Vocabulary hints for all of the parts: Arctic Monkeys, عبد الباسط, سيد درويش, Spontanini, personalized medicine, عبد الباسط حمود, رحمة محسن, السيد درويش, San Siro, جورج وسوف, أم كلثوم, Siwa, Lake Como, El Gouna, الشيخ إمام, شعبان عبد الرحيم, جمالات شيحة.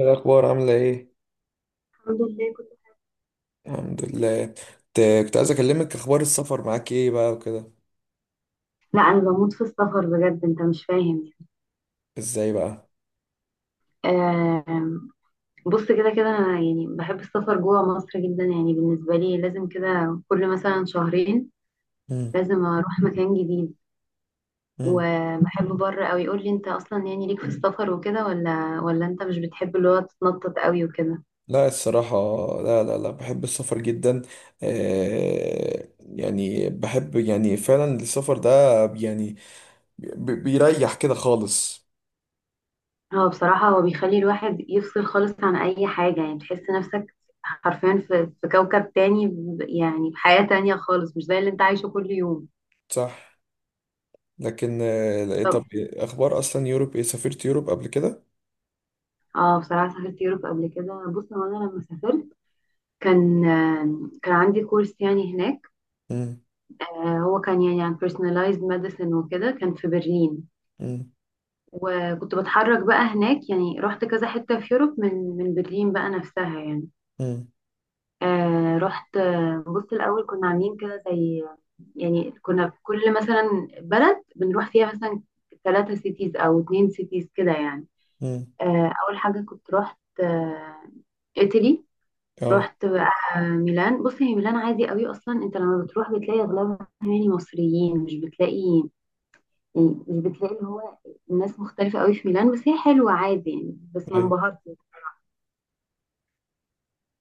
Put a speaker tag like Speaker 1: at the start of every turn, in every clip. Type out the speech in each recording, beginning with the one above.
Speaker 1: إيه الأخبار عاملة إيه؟
Speaker 2: الحمد لله كنت.
Speaker 1: الحمد لله. كنت عايز أكلمك أخبار السفر معاك إيه بقى وكده.
Speaker 2: لا انا بموت في السفر بجد، انت مش فاهم.
Speaker 1: إزاي بقى؟
Speaker 2: يعني آم، بص. كده كده انا يعني بحب السفر جوه مصر جدا، يعني بالنسبه لي لازم كده كل مثلا شهرين
Speaker 1: مم.
Speaker 2: لازم اروح مكان جديد.
Speaker 1: مم.
Speaker 2: وبحب بره قوي. يقول لي انت اصلا يعني ليك في السفر وكده ولا انت مش بتحب اللي هو تتنطط قوي وكده.
Speaker 1: لا، الصراحة، لا لا لا، بحب السفر جدا. آه، يعني بحب يعني فعلا السفر ده. يعني بيريح كده خالص.
Speaker 2: هو بصراحه هو بيخلي الواحد يفصل خالص عن اي حاجه، يعني تحس نفسك حرفيا في كوكب تاني، يعني بحياه تانية خالص، مش زي اللي انت عايشه كل يوم.
Speaker 1: صح. لكن إيه، طب أخبار أصلا يوروب، إيه، سافرت يوروب قبل كده؟
Speaker 2: اه بصراحة سافرت يوروب قبل كده. بص هو انا لما سافرت كان كان عندي كورس يعني هناك.
Speaker 1: مم.
Speaker 2: هو كان يعني عن personalized medicine وكده، كان في برلين.
Speaker 1: مم.
Speaker 2: وكنت بتحرك بقى هناك، يعني رحت كذا حتة في يوروب من برلين بقى نفسها يعني.
Speaker 1: مم.
Speaker 2: رحت، بص الأول كنا عاملين كده زي يعني كنا في كل مثلا بلد بنروح فيها مثلا ثلاثة سيتيز أو اتنين سيتيز كده يعني.
Speaker 1: مم.
Speaker 2: أول حاجة كنت رحت إيطالي.
Speaker 1: اه.
Speaker 2: رحت بقى ميلان. بص هي ميلان عادي قوي، اصلا انت لما بتروح بتلاقي اغلبها يعني مصريين، مش بتلاقي يعني مش بتلاقي اللي هو الناس مختلفة قوي في ميلان. بس هي حلوة عادي يعني، بس ما
Speaker 1: ايوه،
Speaker 2: انبهرتش.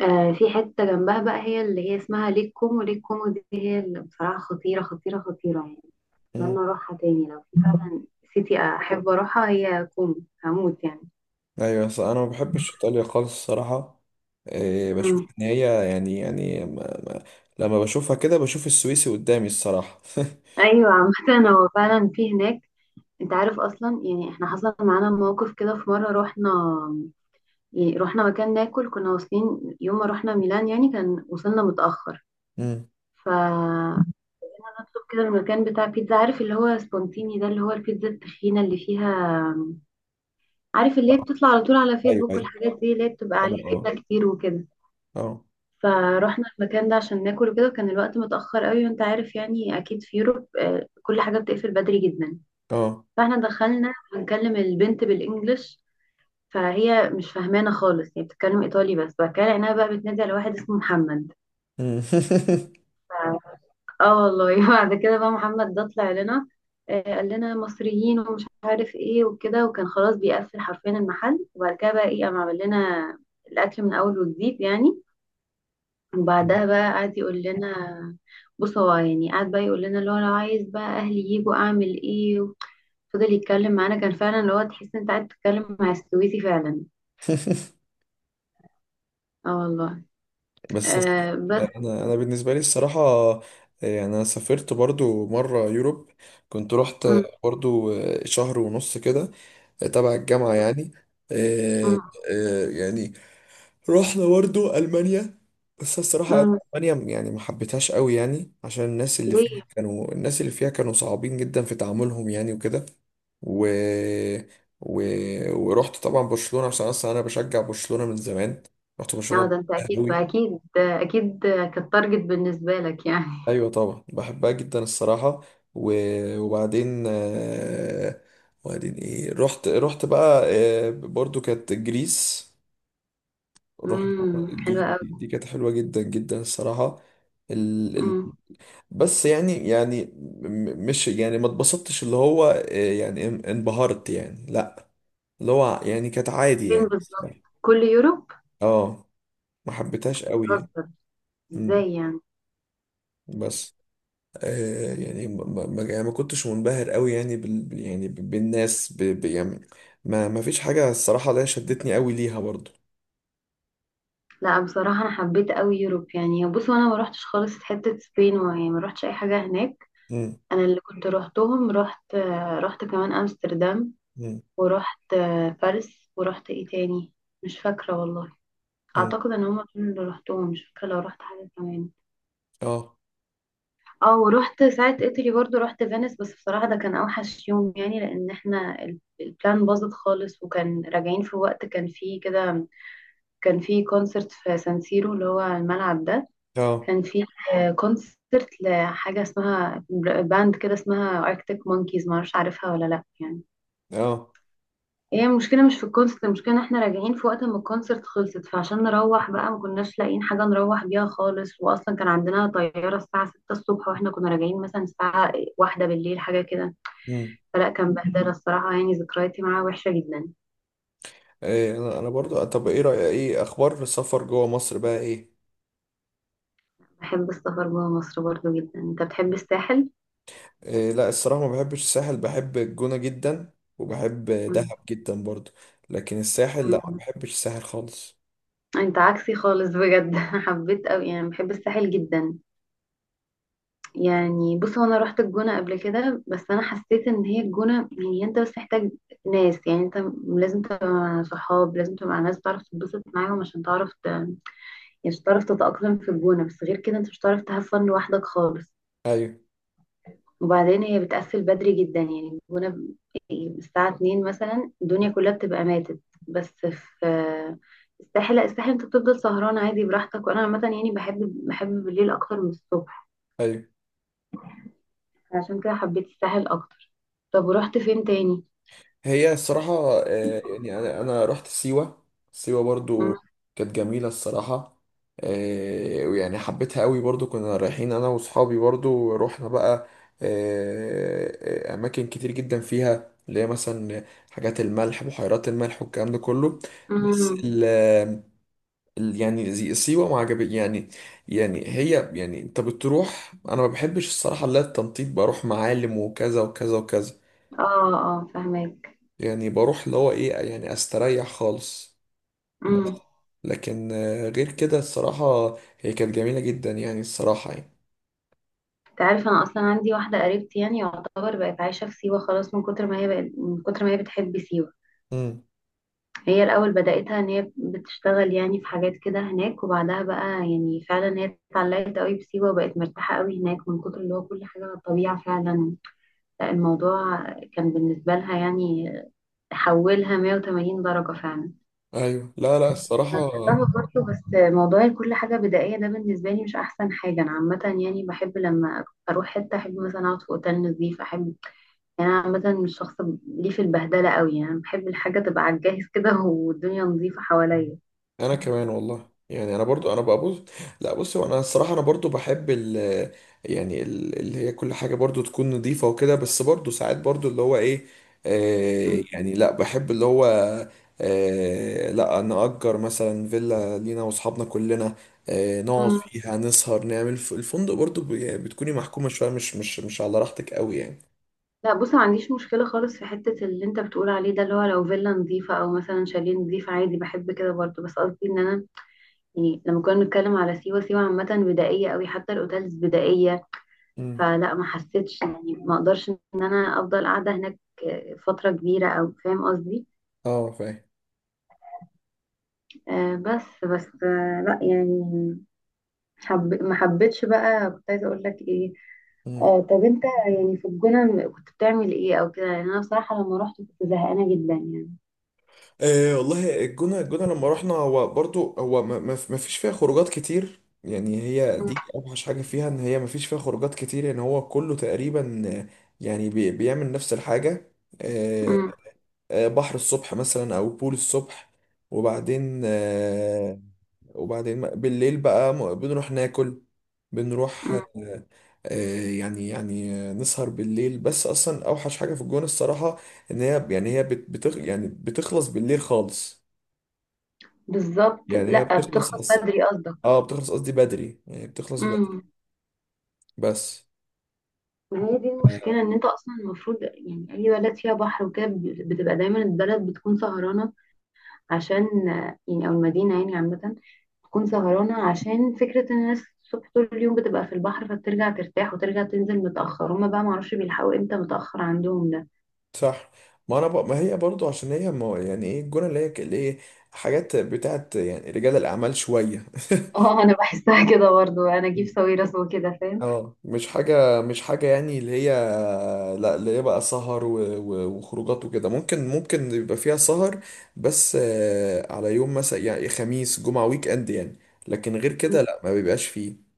Speaker 2: في حتة جنبها بقى هي اللي هي اسمها ليك كومو. ليك كومو دي هي اللي بصراحة خطيرة خطيرة خطيرة يعني. اتمنى اروحها تاني. لو في فعلا سيتي احب اروحها هي كومو. هموت يعني.
Speaker 1: ايوه. بس انا ما بحبش ايطاليا خالص الصراحه. إيه، بشوف
Speaker 2: مم.
Speaker 1: ان هي يعني ما ما لما بشوفها كده بشوف السويسي قدامي الصراحه.
Speaker 2: ايوه عامة هو فعلا في هناك. انت عارف اصلا يعني احنا حصل معانا موقف كده في مرة رحنا، يعني رحنا مكان ناكل. كنا واصلين يوم ما رحنا ميلان، يعني كان وصلنا متأخر.
Speaker 1: امم.
Speaker 2: فنطلب كده المكان بتاع بيتزا، عارف اللي هو سبونتيني ده اللي هو البيتزا التخينة اللي فيها، عارف اللي هي بتطلع على طول على
Speaker 1: ايوه،
Speaker 2: فيسبوك
Speaker 1: ايوه.
Speaker 2: والحاجات دي اللي هي بتبقى عليها
Speaker 1: اه.
Speaker 2: جبنة كتير وكده.
Speaker 1: اه اه
Speaker 2: فروحنا المكان ده عشان ناكل وكده، وكان الوقت متأخر قوي، وانت عارف يعني اكيد في يوروب كل حاجة بتقفل بدري جدا.
Speaker 1: اه.
Speaker 2: فاحنا دخلنا بنكلم البنت بالانجلش، فهي مش فاهمانه خالص، هي بتتكلم ايطالي. بس بعد كده لقيناها بقى بتنادي على واحد اسمه محمد.
Speaker 1: أمم.
Speaker 2: اه والله. بعد كده بقى محمد ده طلع لنا، قال لنا مصريين ومش عارف ايه وكده، وكان خلاص بيقفل حرفيا المحل. وبعد كده بقى ايه، قام عمل لنا الاكل من اول وجديد يعني. وبعدها بقى قعد يقول لنا، بص هو يعني قعد بقى يقول لنا اللي هو لو عايز بقى اهلي يجوا اعمل ايه. فضل يتكلم معانا. كان فعلا اللي هو تحس انت قاعد تتكلم مع السويسي فعلا. اه والله.
Speaker 1: بس
Speaker 2: آه بس
Speaker 1: انا بالنسبه لي الصراحه، إيه، يعني انا سافرت برضو مره يوروب. كنت رحت
Speaker 2: م
Speaker 1: برضو شهر ونص كده تبع الجامعه يعني. آه،
Speaker 2: -م
Speaker 1: يعني رحنا برضو ألمانيا. بس الصراحة
Speaker 2: -م.
Speaker 1: ألمانيا يعني ما حبيتهاش قوي، يعني عشان
Speaker 2: ليه.
Speaker 1: الناس اللي فيها كانوا صعبين جدا في تعاملهم يعني وكده. و... و... ورحت طبعا برشلونة عشان أصلا أنا بشجع برشلونة من زمان. رحت برشلونة،
Speaker 2: اه ده انت
Speaker 1: بحبها
Speaker 2: اكيد
Speaker 1: قوي.
Speaker 2: اكيد اكيد كانت تارجت بالنسبه لك يعني.
Speaker 1: أيوة طبعا بحبها جدا الصراحة. و... وبعدين آه، وبعدين إيه، رحت بقى، برضو كانت جريس. رحنا. دي
Speaker 2: حلوه قوي.
Speaker 1: دي كانت حلوة جدا جدا الصراحة. ال... ال...
Speaker 2: امم.
Speaker 1: بس يعني مش، يعني ما اتبسطتش، اللي هو يعني انبهرت يعني، لا. اللي هو يعني كانت عادي
Speaker 2: فين
Speaker 1: يعني
Speaker 2: بالظبط؟
Speaker 1: الصراحة.
Speaker 2: كل يوروب؟
Speaker 1: اه. ما حبيتهاش قوي يعني.
Speaker 2: بتهزر،
Speaker 1: مم.
Speaker 2: ازاي يعني؟
Speaker 1: بس يعني يعني ما كنتش منبهر قوي يعني يعني بالناس يعني. ما فيش حاجة الصراحة اللي هي شدتني قوي ليها برضو.
Speaker 2: لا بصراحه انا حبيت قوي يوروب يعني. بصوا انا ما روحتش خالص حته سبين، ويعني ما روحتش اي حاجه هناك.
Speaker 1: مم.
Speaker 2: انا اللي كنت روحتهم، رحت رحت كمان امستردام،
Speaker 1: مم.
Speaker 2: ورحت باريس، ورحت ايه تاني؟ مش فاكره والله.
Speaker 1: مم.
Speaker 2: اعتقد ان هما دول اللي روحتهم، مش فاكره لو رحت حاجه كمان.
Speaker 1: اه
Speaker 2: اه ورحت ساعة ايطالي برضو، رحت فينيس. بس بصراحة ده كان اوحش يوم يعني، لان احنا البلان باظت خالص، وكان راجعين في وقت كان فيه كده، كان فيه كونسرت في سانسيرو اللي هو الملعب ده.
Speaker 1: اه
Speaker 2: كان فيه كونسرت لحاجة اسمها باند كده اسمها اركتيك مونكيز، معرفش عارفها ولا لا يعني.
Speaker 1: اه.
Speaker 2: هي المشكلة مش في الكونسرت، المشكلة ان احنا راجعين في وقت ما الكونسرت خلصت. فعشان نروح بقى ما كناش لاقيين حاجة نروح بيها خالص، واصلا كان عندنا طيارة الساعة 6 الصبح، واحنا كنا راجعين مثلا الساعة واحدة بالليل حاجة كده.
Speaker 1: مم.
Speaker 2: فلا كان بهدلة الصراحة يعني، ذكرياتي معاه وحشة جدا.
Speaker 1: إيه، انا برضو، طب ايه رأيك، ايه اخبار السفر جوه مصر بقى ايه؟
Speaker 2: بحب السفر جوه مصر برضو جدا. انت بتحب الساحل؟
Speaker 1: إيه لا، الصراحة ما بحبش الساحل. بحب الجونة جدا، وبحب
Speaker 2: مم.
Speaker 1: دهب جدا برضو. لكن الساحل لا، ما
Speaker 2: مم.
Speaker 1: بحبش الساحل خالص.
Speaker 2: انت عكسي خالص بجد. حبيت اوي يعني، بحب الساحل جدا يعني. بص هو انا رحت الجونة قبل كده، بس انا حسيت ان هي الجونة هي انت بس محتاج ناس. يعني انت لازم تبقى مع صحاب، لازم تبقى مع ناس تعرف تتبسط معاهم عشان تعرف يعني عشان تعرف تتأقلم في الجونة. بس غير كده انت مش هتعرف تهفن لوحدك خالص.
Speaker 1: ايوه،
Speaker 2: وبعدين هي بتقفل بدري جدا يعني، الجونة الساعة 2 مثلا الدنيا كلها بتبقى ماتت. بس في الساحل لا، الساحل انت بتفضل سهران عادي براحتك. وانا عامة يعني بحب بحب بالليل اكتر من الصبح،
Speaker 1: ايوه.
Speaker 2: عشان كده حبيت الساحل اكتر. طب ورحت فين تاني؟
Speaker 1: هي الصراحة يعني أنا رحت سيوة. سيوة برضو
Speaker 2: مم.
Speaker 1: كانت جميلة الصراحة. ويعني حبيتها قوي برضو. كنا رايحين أنا وصحابي، برضو رحنا بقى أماكن كتير جدا فيها، اللي هي مثلا حاجات الملح، بحيرات الملح والكلام ده كله. بس
Speaker 2: مم.
Speaker 1: يعني سيوة ما عجبتني يعني. يعني هي يعني، أنت بتروح، أنا ما بحبش الصراحة اللي هي التنطيط، بروح معالم وكذا وكذا وكذا.
Speaker 2: اه اه فهمك.
Speaker 1: يعني بروح اللي هو ايه، يعني استريح خالص. بس
Speaker 2: امم.
Speaker 1: لكن غير كده الصراحة هي كانت جميلة جدا يعني الصراحة يعني.
Speaker 2: تعرف انا اصلا عندي واحده قريبتي يعني يعتبر بقت عايشه في سيوه خلاص، من كتر ما هي بقت من كتر ما هي بتحب سيوه.
Speaker 1: امم.
Speaker 2: هي الاول بداتها ان هي بتشتغل يعني في حاجات كده هناك، وبعدها بقى يعني فعلا هي اتعلقت قوي بسيوه، وبقت مرتاحه قوي هناك من كتر اللي هو كل حاجه على الطبيعه فعلا. لا، الموضوع كان بالنسبه لها يعني حولها 180 درجه فعلا.
Speaker 1: ايوه، لا لا
Speaker 2: انا
Speaker 1: الصراحة.
Speaker 2: رحتها برضه، بس موضوع كل حاجه بدائيه ده بالنسبه لي مش احسن حاجه. انا عامه يعني بحب لما اروح حته احب مثلا اقعد في اوتيل نظيف، احب يعني انا عامه مش شخص ليه في البهدله قوي يعني. بحب الحاجه تبقى على الجاهز كده والدنيا نظيفه حواليا.
Speaker 1: انا كمان والله، يعني انا برضو انا بقى بص. لا، بص هو انا الصراحه، انا برضو بحب يعني اللي هي كل حاجه برضو تكون نظيفه وكده، بس برضو ساعات برضو اللي هو ايه،
Speaker 2: أمم.
Speaker 1: يعني لا، بحب اللي هو لا، نأجر مثلا فيلا لينا واصحابنا كلنا، نقعد
Speaker 2: أمم.
Speaker 1: فيها، نسهر، نعمل الفندق برضو يعني بتكوني محكومه شويه، مش على راحتك قوي يعني.
Speaker 2: لا بص، ما عنديش مشكله خالص في حته اللي انت بتقول عليه ده، اللي هو لو فيلا نظيفه او مثلا شاليه نظيف عادي بحب كده برضه. بس قصدي ان انا يعني لما كنا بنتكلم على سيوه، سيوه عامه بدائيه قوي، حتى الاوتيلز بدائيه.
Speaker 1: امم.
Speaker 2: فلا ما حسيتش يعني، ما اقدرش ان انا افضل قاعده هناك فتره كبيره، او فاهم قصدي.
Speaker 1: اه، فاهم.
Speaker 2: بس لا يعني ما حبيتش بقى. كنت عايزه اقول لك ايه؟ طب انت يعني في الجونه كنت بتعمل ايه او كده؟ يعني انا بصراحه لما رحت كنت زهقانه جدا يعني.
Speaker 1: أه والله الجونة لما رحنا، هو برضو هو ما فيش فيها خروجات كتير يعني. هي
Speaker 2: مم.
Speaker 1: دي أوحش حاجة فيها، إن هي ما فيش فيها خروجات كتير يعني. هو كله تقريبا يعني بيعمل نفس الحاجة. أه.
Speaker 2: مم.
Speaker 1: بحر الصبح مثلا أو بول الصبح، وبعدين وبعدين بالليل بقى بنروح ناكل، بنروح
Speaker 2: مم.
Speaker 1: يعني نسهر بالليل. بس أصلا أوحش حاجة في الجونة الصراحة ان هي، يعني هي بت- بتخ يعني بتخلص بالليل خالص.
Speaker 2: بالظبط،
Speaker 1: يعني هي
Speaker 2: لا
Speaker 1: بتخلص
Speaker 2: بتخلص بدري قصدك.
Speaker 1: اه، بتخلص قصدي بدري، يعني بتخلص بدري.
Speaker 2: امم.
Speaker 1: بس
Speaker 2: ما هي دي المشكله، ان انت اصلا المفروض يعني اي بلد فيها بحر وكده بتبقى دايما البلد بتكون سهرانه، عشان يعني او المدينه يعني عامه تكون سهرانه، عشان فكره ان الناس الصبح طول اليوم بتبقى في البحر، فبترجع ترتاح وترجع تنزل متاخر. هما بقى معرفش بيلحقوا امتى متاخر عندهم ده.
Speaker 1: صح. ما انا ما هي برضو عشان هي ما، يعني ايه الجونه اللي هي اللي هي حاجات بتاعت يعني رجال الاعمال شويه.
Speaker 2: اه انا بحسها كده برضو، انا اجيب ساويرس وكده فاهم.
Speaker 1: اه، مش حاجه مش حاجه يعني اللي هي، لا، اللي هي بقى سهر وخروجات وكده. ممكن يبقى فيها سهر، بس على يوم مثلا يعني خميس، جمعه، ويك اند يعني. لكن غير
Speaker 2: مم.
Speaker 1: كده لا، ما بيبقاش فيه.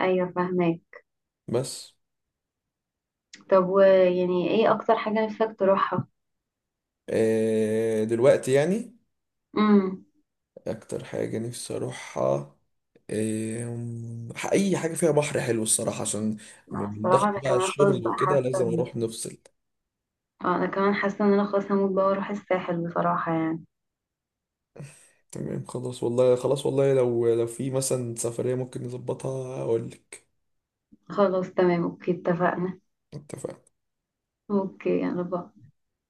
Speaker 2: ايوه فاهمك.
Speaker 1: بس
Speaker 2: طب ويعني ايه اكتر حاجه نفسك تروحها؟
Speaker 1: دلوقتي يعني
Speaker 2: امم.
Speaker 1: اكتر حاجة نفسي اروحها، اي حاجة فيها بحر حلو الصراحة، عشان من
Speaker 2: الصراحه
Speaker 1: ضغط
Speaker 2: انا
Speaker 1: بقى
Speaker 2: كمان خلاص
Speaker 1: الشغل
Speaker 2: بقى
Speaker 1: وكده
Speaker 2: حاسه
Speaker 1: لازم
Speaker 2: ان
Speaker 1: اروح نفصل.
Speaker 2: اه انا كمان حاسه ان انا خلاص هموت بقى واروح الساحل بصراحه يعني.
Speaker 1: تمام، خلاص والله، خلاص والله لو في مثلا سفرية ممكن نظبطها اقول لك.
Speaker 2: خلاص تمام اوكي اتفقنا.
Speaker 1: اتفقنا.
Speaker 2: اوكي يلا باي.